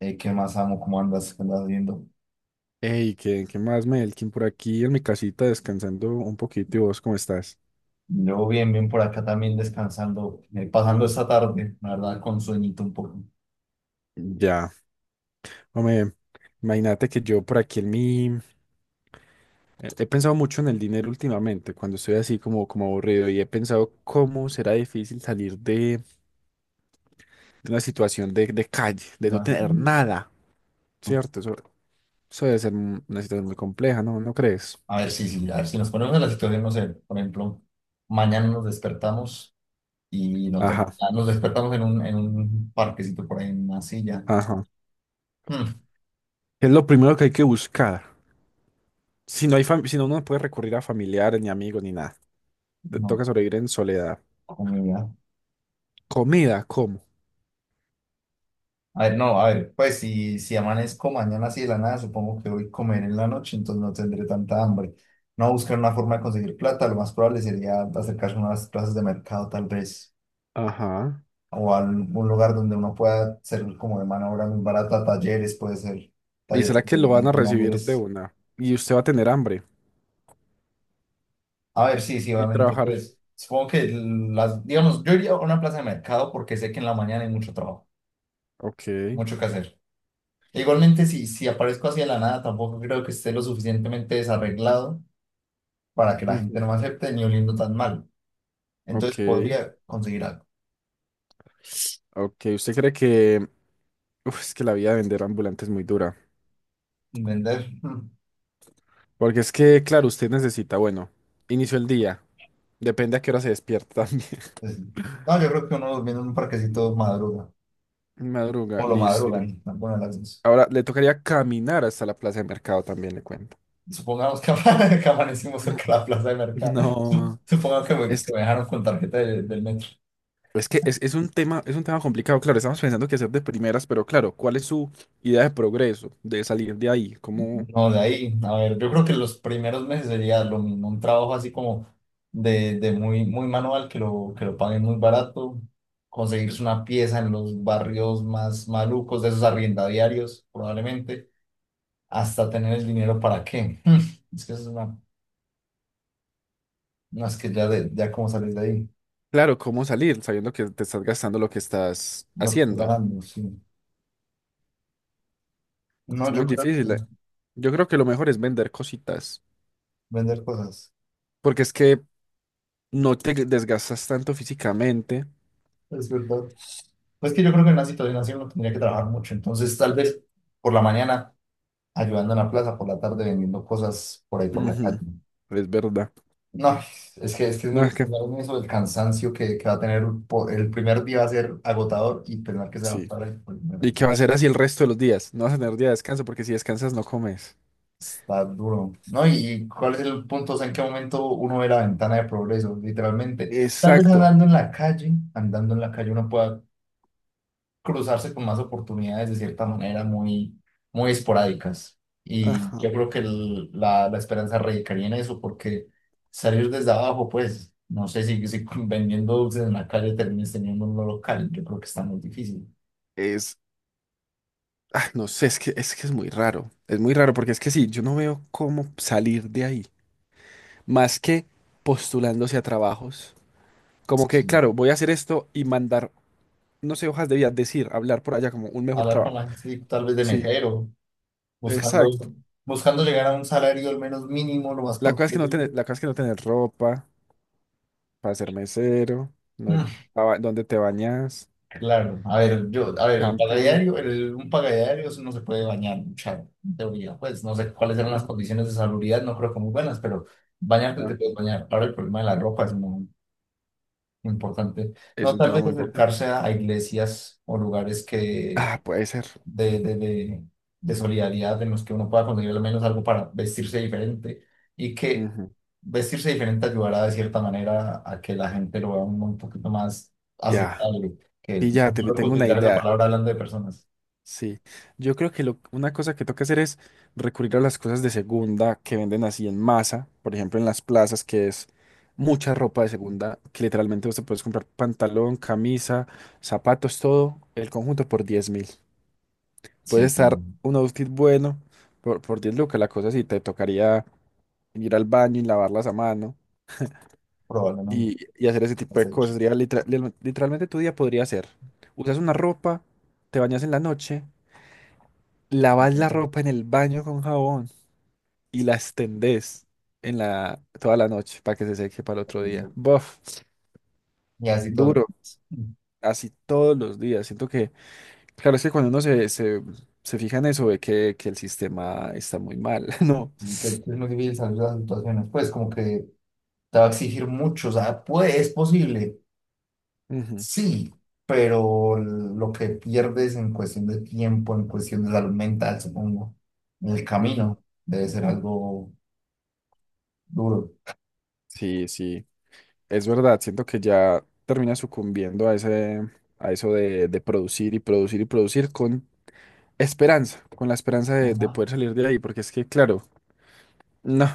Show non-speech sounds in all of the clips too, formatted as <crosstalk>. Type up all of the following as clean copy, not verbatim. ¿Qué más amo? ¿Cómo andas? ¿Qué andas viendo? Hey, ¿qué más, Melkin? Por aquí en mi casita descansando un poquito. ¿Y vos cómo estás? Yo bien, bien por acá también descansando, pasando esta tarde, la verdad, con sueñito un poco. Ya. Hombre, imagínate que yo por aquí en mi... He pensado mucho en el dinero últimamente, cuando estoy así como aburrido, y he pensado cómo será difícil salir de una situación de calle, de no Ya. tener nada, ¿cierto? Eso debe ser una situación muy compleja, ¿no? ¿No crees? A ver, sí, sí, a ver si nos ponemos en la situación, no sé, por ejemplo, mañana nos despertamos y no ten- Ajá, ah, nos despertamos en un parquecito por ahí, en una silla. ajá. Mm, Es lo primero que hay que buscar. Si no, uno no puede recurrir a familiares, ni amigos, ni nada. Te toca no, sobrevivir en soledad. comida. Comida, ¿cómo? A ver, no, a ver, pues si, si amanezco mañana así de la nada, supongo que voy a comer en la noche, entonces no tendré tanta hambre. No, buscar una forma de conseguir plata, lo más probable sería acercarse a unas plazas de mercado tal vez, Ajá. o a un lugar donde uno pueda servir como de mano de obra muy barata, talleres, puede ser ¿Y taller será que de lo de van a recibir de automóviles. una? Y usted va a tener hambre A ver, sí, sí, y obviamente, trabajar. pues supongo que las, digamos, yo iría a una plaza de mercado porque sé que en la mañana hay mucho trabajo, Ok. mucho que hacer. E igualmente, si, si aparezco así de la nada, tampoco creo que esté lo suficientemente desarreglado para que la gente Ujú. no me acepte ni oliendo tan mal. Ok. Entonces podría conseguir algo. Ok. ¿Usted cree que... Uf, es que la vida de vender ambulante es muy dura. Y vender, mm, Porque es que, claro, usted necesita, bueno, inicio el día. Depende a qué hora se despierta también. pues, <laughs> no, yo creo que uno durmiendo en un parquecito madruga, Madruga, o lo listo. Y madrugan, bueno, las dos. ahora le tocaría caminar hasta la plaza de mercado también, le cuento. Supongamos que, <laughs> que amanecimos cerca de <laughs> la plaza de mercado. No, Supongamos que es, que me dejaron con tarjeta del metro. es que es un tema complicado, claro, estamos pensando que hacer de primeras, pero claro, ¿cuál es su idea de progreso, de salir de ahí? ¿Cómo, No, de ahí, a ver, yo creo que los primeros meses sería lo mismo, un trabajo así como de muy, muy manual, que lo paguen muy barato, conseguirse una pieza en los barrios más malucos de esos arriendadiarios, probablemente, hasta tener el dinero para qué. Mm, es que eso es una, no, es que ya, de, ya como sales de ahí, claro, cómo salir sabiendo que te estás gastando lo que estás lo que tú haciendo? ganando, sí. Es No, yo muy creo que difícil. Yo creo que lo mejor es vender cositas, vender cosas, porque es que no te desgastas tanto físicamente. es verdad. Pues que yo creo que en una situación así uno tendría que trabajar mucho, entonces tal vez por la mañana ayudando en la plaza, por la tarde vendiendo cosas por ahí por la calle. Ujú. Es verdad. No, es que es, que es No, muy es que duro eso, el cansancio que va a tener el primer día va a ser agotador y pensar que se va a sí. parar el primero. ¿Y qué va a ser así el resto de los días? No vas a tener día de descanso porque si descansas no comes. Está duro, ¿no? Y cuál es el punto? O sea, ¿en qué momento uno ve la ventana de progreso? Literalmente, tal vez Exacto. andando en la calle, andando en la calle uno pueda cruzarse con más oportunidades de cierta manera muy, muy esporádicas. Y yo Ajá. creo que la, la esperanza radicaría en eso, porque salir desde abajo, pues, no sé si, si <laughs> vendiendo dulces en la calle termines teniendo un local, yo creo que está muy difícil. Ah, no sé, es que es muy raro. Es muy raro porque es que sí, yo no veo cómo salir de ahí. Más que postulándose a trabajos. Como que, Sí. claro, voy a hacer esto y mandar, no sé, hojas de vida, decir, hablar por allá como un mejor Hablar con trabajo. la gente, sí, tal vez de Sí, mesero, exacto. buscando, buscando llegar a un salario al menos mínimo, lo más La pronto cosa es que no tener, posible. la cosa es que no tener ropa para ser mesero, no, Mm, dónde te bañas, claro, a ver, yo, a ver, el shampoo. pagadiario, el, un pagadiario no se puede bañar, mucha teoría, pues no sé cuáles eran las Ujú, condiciones de salubridad, no creo que muy buenas, pero bañarte te puedes ajá. bañar. Ahora el problema de la ropa es muy, muy importante. Es No, un tal tema vez muy importante. acercarse a iglesias o lugares que Ah, puede ser. De, de solidaridad en los que uno pueda conseguir al menos algo para vestirse diferente y que Ujú. vestirse diferente ayudará de cierta manera a que la gente lo vea un poquito más Ya, aceptable, que pilla, no te tengo tengo una utilizar esa idea. palabra hablando de personas. Sí, yo creo que una cosa que toca hacer es recurrir a las cosas de segunda que venden así en masa, por ejemplo en las plazas, que es mucha ropa de segunda, que literalmente vos te puedes comprar pantalón, camisa, zapatos, todo, el conjunto por 10.000. Puede Sí, sí, estar un outfit bueno por 10 lucas, la cosa sí te tocaría ir al baño y lavarlas a mano probablemente y hacer ese lo tipo has de hecho. cosas. Sería literalmente tu día podría ser, usas una ropa, te bañas en la noche. Lavas la ropa en el baño con jabón y la extendés en toda la noche para que se seque para el otro día. Buf, Y así todo lo duro, así todos los días. Siento que, claro, es que cuando uno se fija en eso, ve que el sistema está muy mal, <laughs> ¿no? así que es muy difícil salir de las situaciones, pues como que te va a exigir mucho, o sea, puede, es posible. Ujú, Sí, pero lo que pierdes en cuestión de tiempo, en cuestión de salud mental, supongo, en el ujú. camino, debe ser algo duro. Sí, sí, es verdad. Siento que ya termina sucumbiendo a ese, a eso de producir y producir y producir con esperanza, con la esperanza de Ajá, poder salir de ahí, porque es que, claro, no.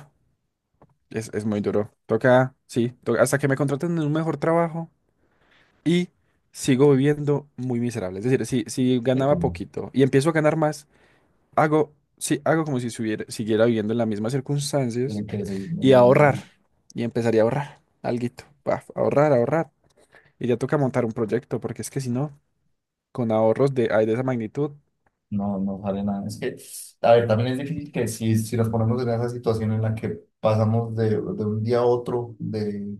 Es muy duro. Toca, sí, hasta que me contraten en un mejor trabajo y sigo viviendo muy miserable. Es decir, si sí, ganaba claro. poquito y empiezo a ganar más, hago, sí, hago como si siguiera viviendo en las mismas circunstancias Tiene que seguir, y viendo a ahorrar. mí. Y empezaría a ahorrar alguito. Paf, ahorrar, ahorrar. Y ya toca montar un proyecto, porque es que si no, con ahorros de, ay, de esa magnitud, No, no sale nada. Es que, a ver, también es difícil que si, si nos ponemos en esa situación en la que pasamos de un día a otro, de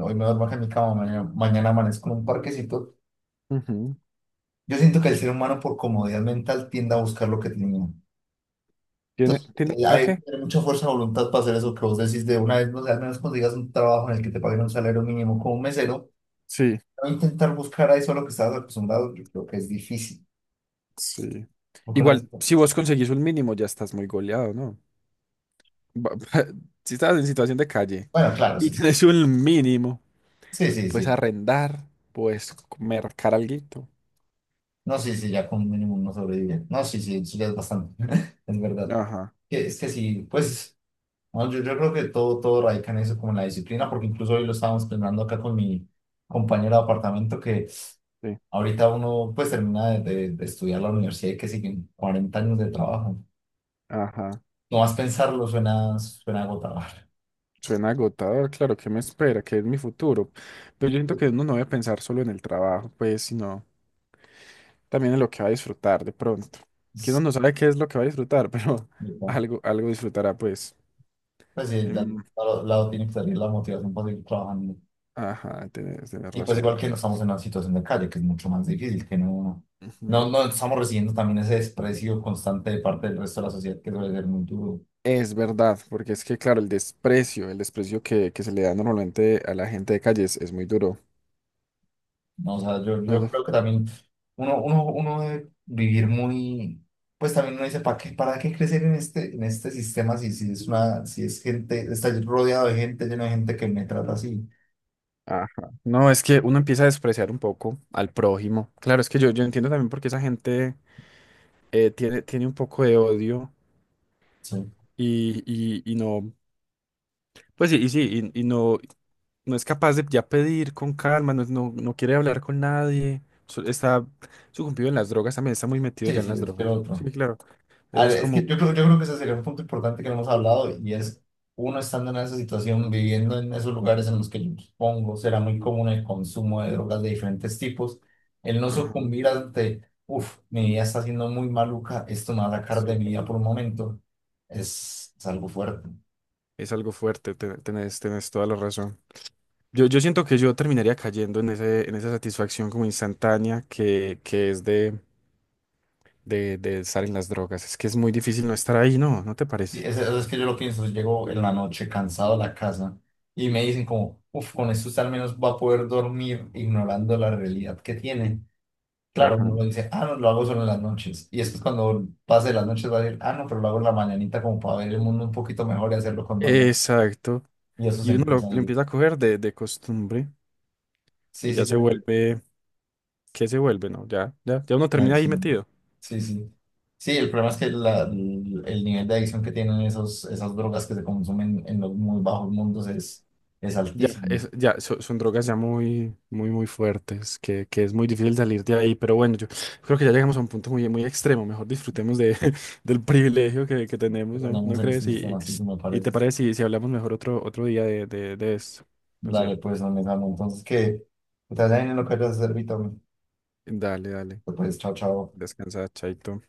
hoy me duermo acá en mi cama, mañana, mañana amanezco en un parquecito, ujú. yo siento que el ser humano por comodidad mental tiende a buscar lo que tiene. ¿Tiene, Entonces, tiene, ¿a hay que qué? tener mucha fuerza de voluntad para hacer eso que vos decís de una vez, no sé, al menos consigas un trabajo en el que te paguen un salario mínimo como un mesero, Sí, no intentar buscar ahí solo que estás acostumbrado, yo creo que es difícil. sí. Porque una vez, Igual, si vos conseguís un mínimo, ya estás muy goleado, ¿no? ba- <laughs> si estás en situación de calle bueno, claro, y sí, sí, tienes un mínimo, sí, sí, puedes sí. arrendar, puedes mercar alguito. No, sí, sí, ya con un mínimo no sobrevive. No, sí, sí, eso ya es bastante, <laughs> es verdad. Ajá, Que- Es que sí, pues, no, yo creo que todo, todo radica en eso, como en la disciplina, porque incluso hoy lo estábamos planeando acá con mi compañero de apartamento que sí, ahorita uno pues termina de, de estudiar la universidad y que siguen 40 años de trabajo. ajá. No más pensarlo suena, suena agotador. Suena agotador, claro, ¿qué me espera? ¿Qué es mi futuro? Pero yo siento que uno no debe pensar solo en el trabajo, pues, sino también en lo que va a disfrutar de pronto. Que uno Es- no sabe qué es lo que va a disfrutar, <laughs> pero y, bueno, algo, algo disfrutará, pues. pues sí, de Em, algún lado lado tiene que salir la motivación para seguir trabajando. Ajá, tienes Y pues igual razón. que no estamos en una situación de calle, que es mucho más difícil, que no, no, Ujú. no estamos recibiendo también ese desprecio constante de parte del resto de la sociedad, que debe ser muy duro. Es verdad, porque es que, claro, el desprecio que se le da normalmente a la gente de calles es muy duro. No, o sea, yo, No, yo no. creo que también uno, uno, uno debe vivir muy, pues también uno dice, para qué crecer en este sistema si, si es una, si es gente, está rodeado de gente, lleno de gente que me trata así? Ajá. No, es que uno empieza a despreciar un poco al prójimo. Claro, es que yo entiendo también por qué esa gente tiene un poco de odio Sí, y no, pues sí, y sí, y no, no es capaz de ya pedir con calma, no, no, no quiere hablar con nadie. Está sucumbido en las drogas, también está muy metido ya sí, en sí, las yo quiero drogas. Sí, otro. claro. A Eso es ver, es como... que yo creo que ese sería un punto importante que no hemos hablado y es uno estando en esa situación, viviendo en esos lugares en los que yo supongo será muy común el consumo de drogas de diferentes tipos, el no Ajá. sucumbir ante, uff, mi vida está siendo muy maluca, esto me va a sacar de Sí. mi vida por un momento, es algo fuerte. Es algo fuerte, tenés toda la razón. Yo siento que yo terminaría cayendo en ese, en esa satisfacción como instantánea que es de estar en las drogas. Es que es muy difícil no estar ahí, ¿no? ¿No te Y parece? Es que yo lo pienso, llego en la noche cansado a la casa y me dicen como, uff, con esto usted al menos va a poder dormir ignorando la realidad que tiene. Claro, Ajá. uno dice, ah, no, lo hago solo en las noches. Y es que cuando pase las noches va a decir, ah, no, pero lo hago en la mañanita como para ver el mundo un poquito mejor y hacerlo con más ganas". Exacto. Y eso se Y uno lo, empieza lo ahí. empieza a coger de costumbre y Sí, ya sí, yo se creo que- vuelve, ¿qué se vuelve? No, ya uno ay, termina ahí sí, metido. sí, sí. Sí, el problema es que el nivel de adicción que tienen esos, esas drogas que se consumen en los muy bajos mundos es Ya, altísimo. Son drogas ya muy, muy, muy fuertes, que es muy difícil salir de ahí, pero bueno, yo creo que ya llegamos a un punto muy, muy extremo, mejor disfrutemos de, <laughs> del privilegio que tenemos, Pero ¿no? tenemos ¿No en este crees? sistema, así se me Y parece. te parece si hablamos mejor otro día de esto, no Dale, sé, pues, no me entonces, que te vaya bien en lo que hayas de servir, Tommy. dale, dale, Pues, chao, chao. descansa, chaito.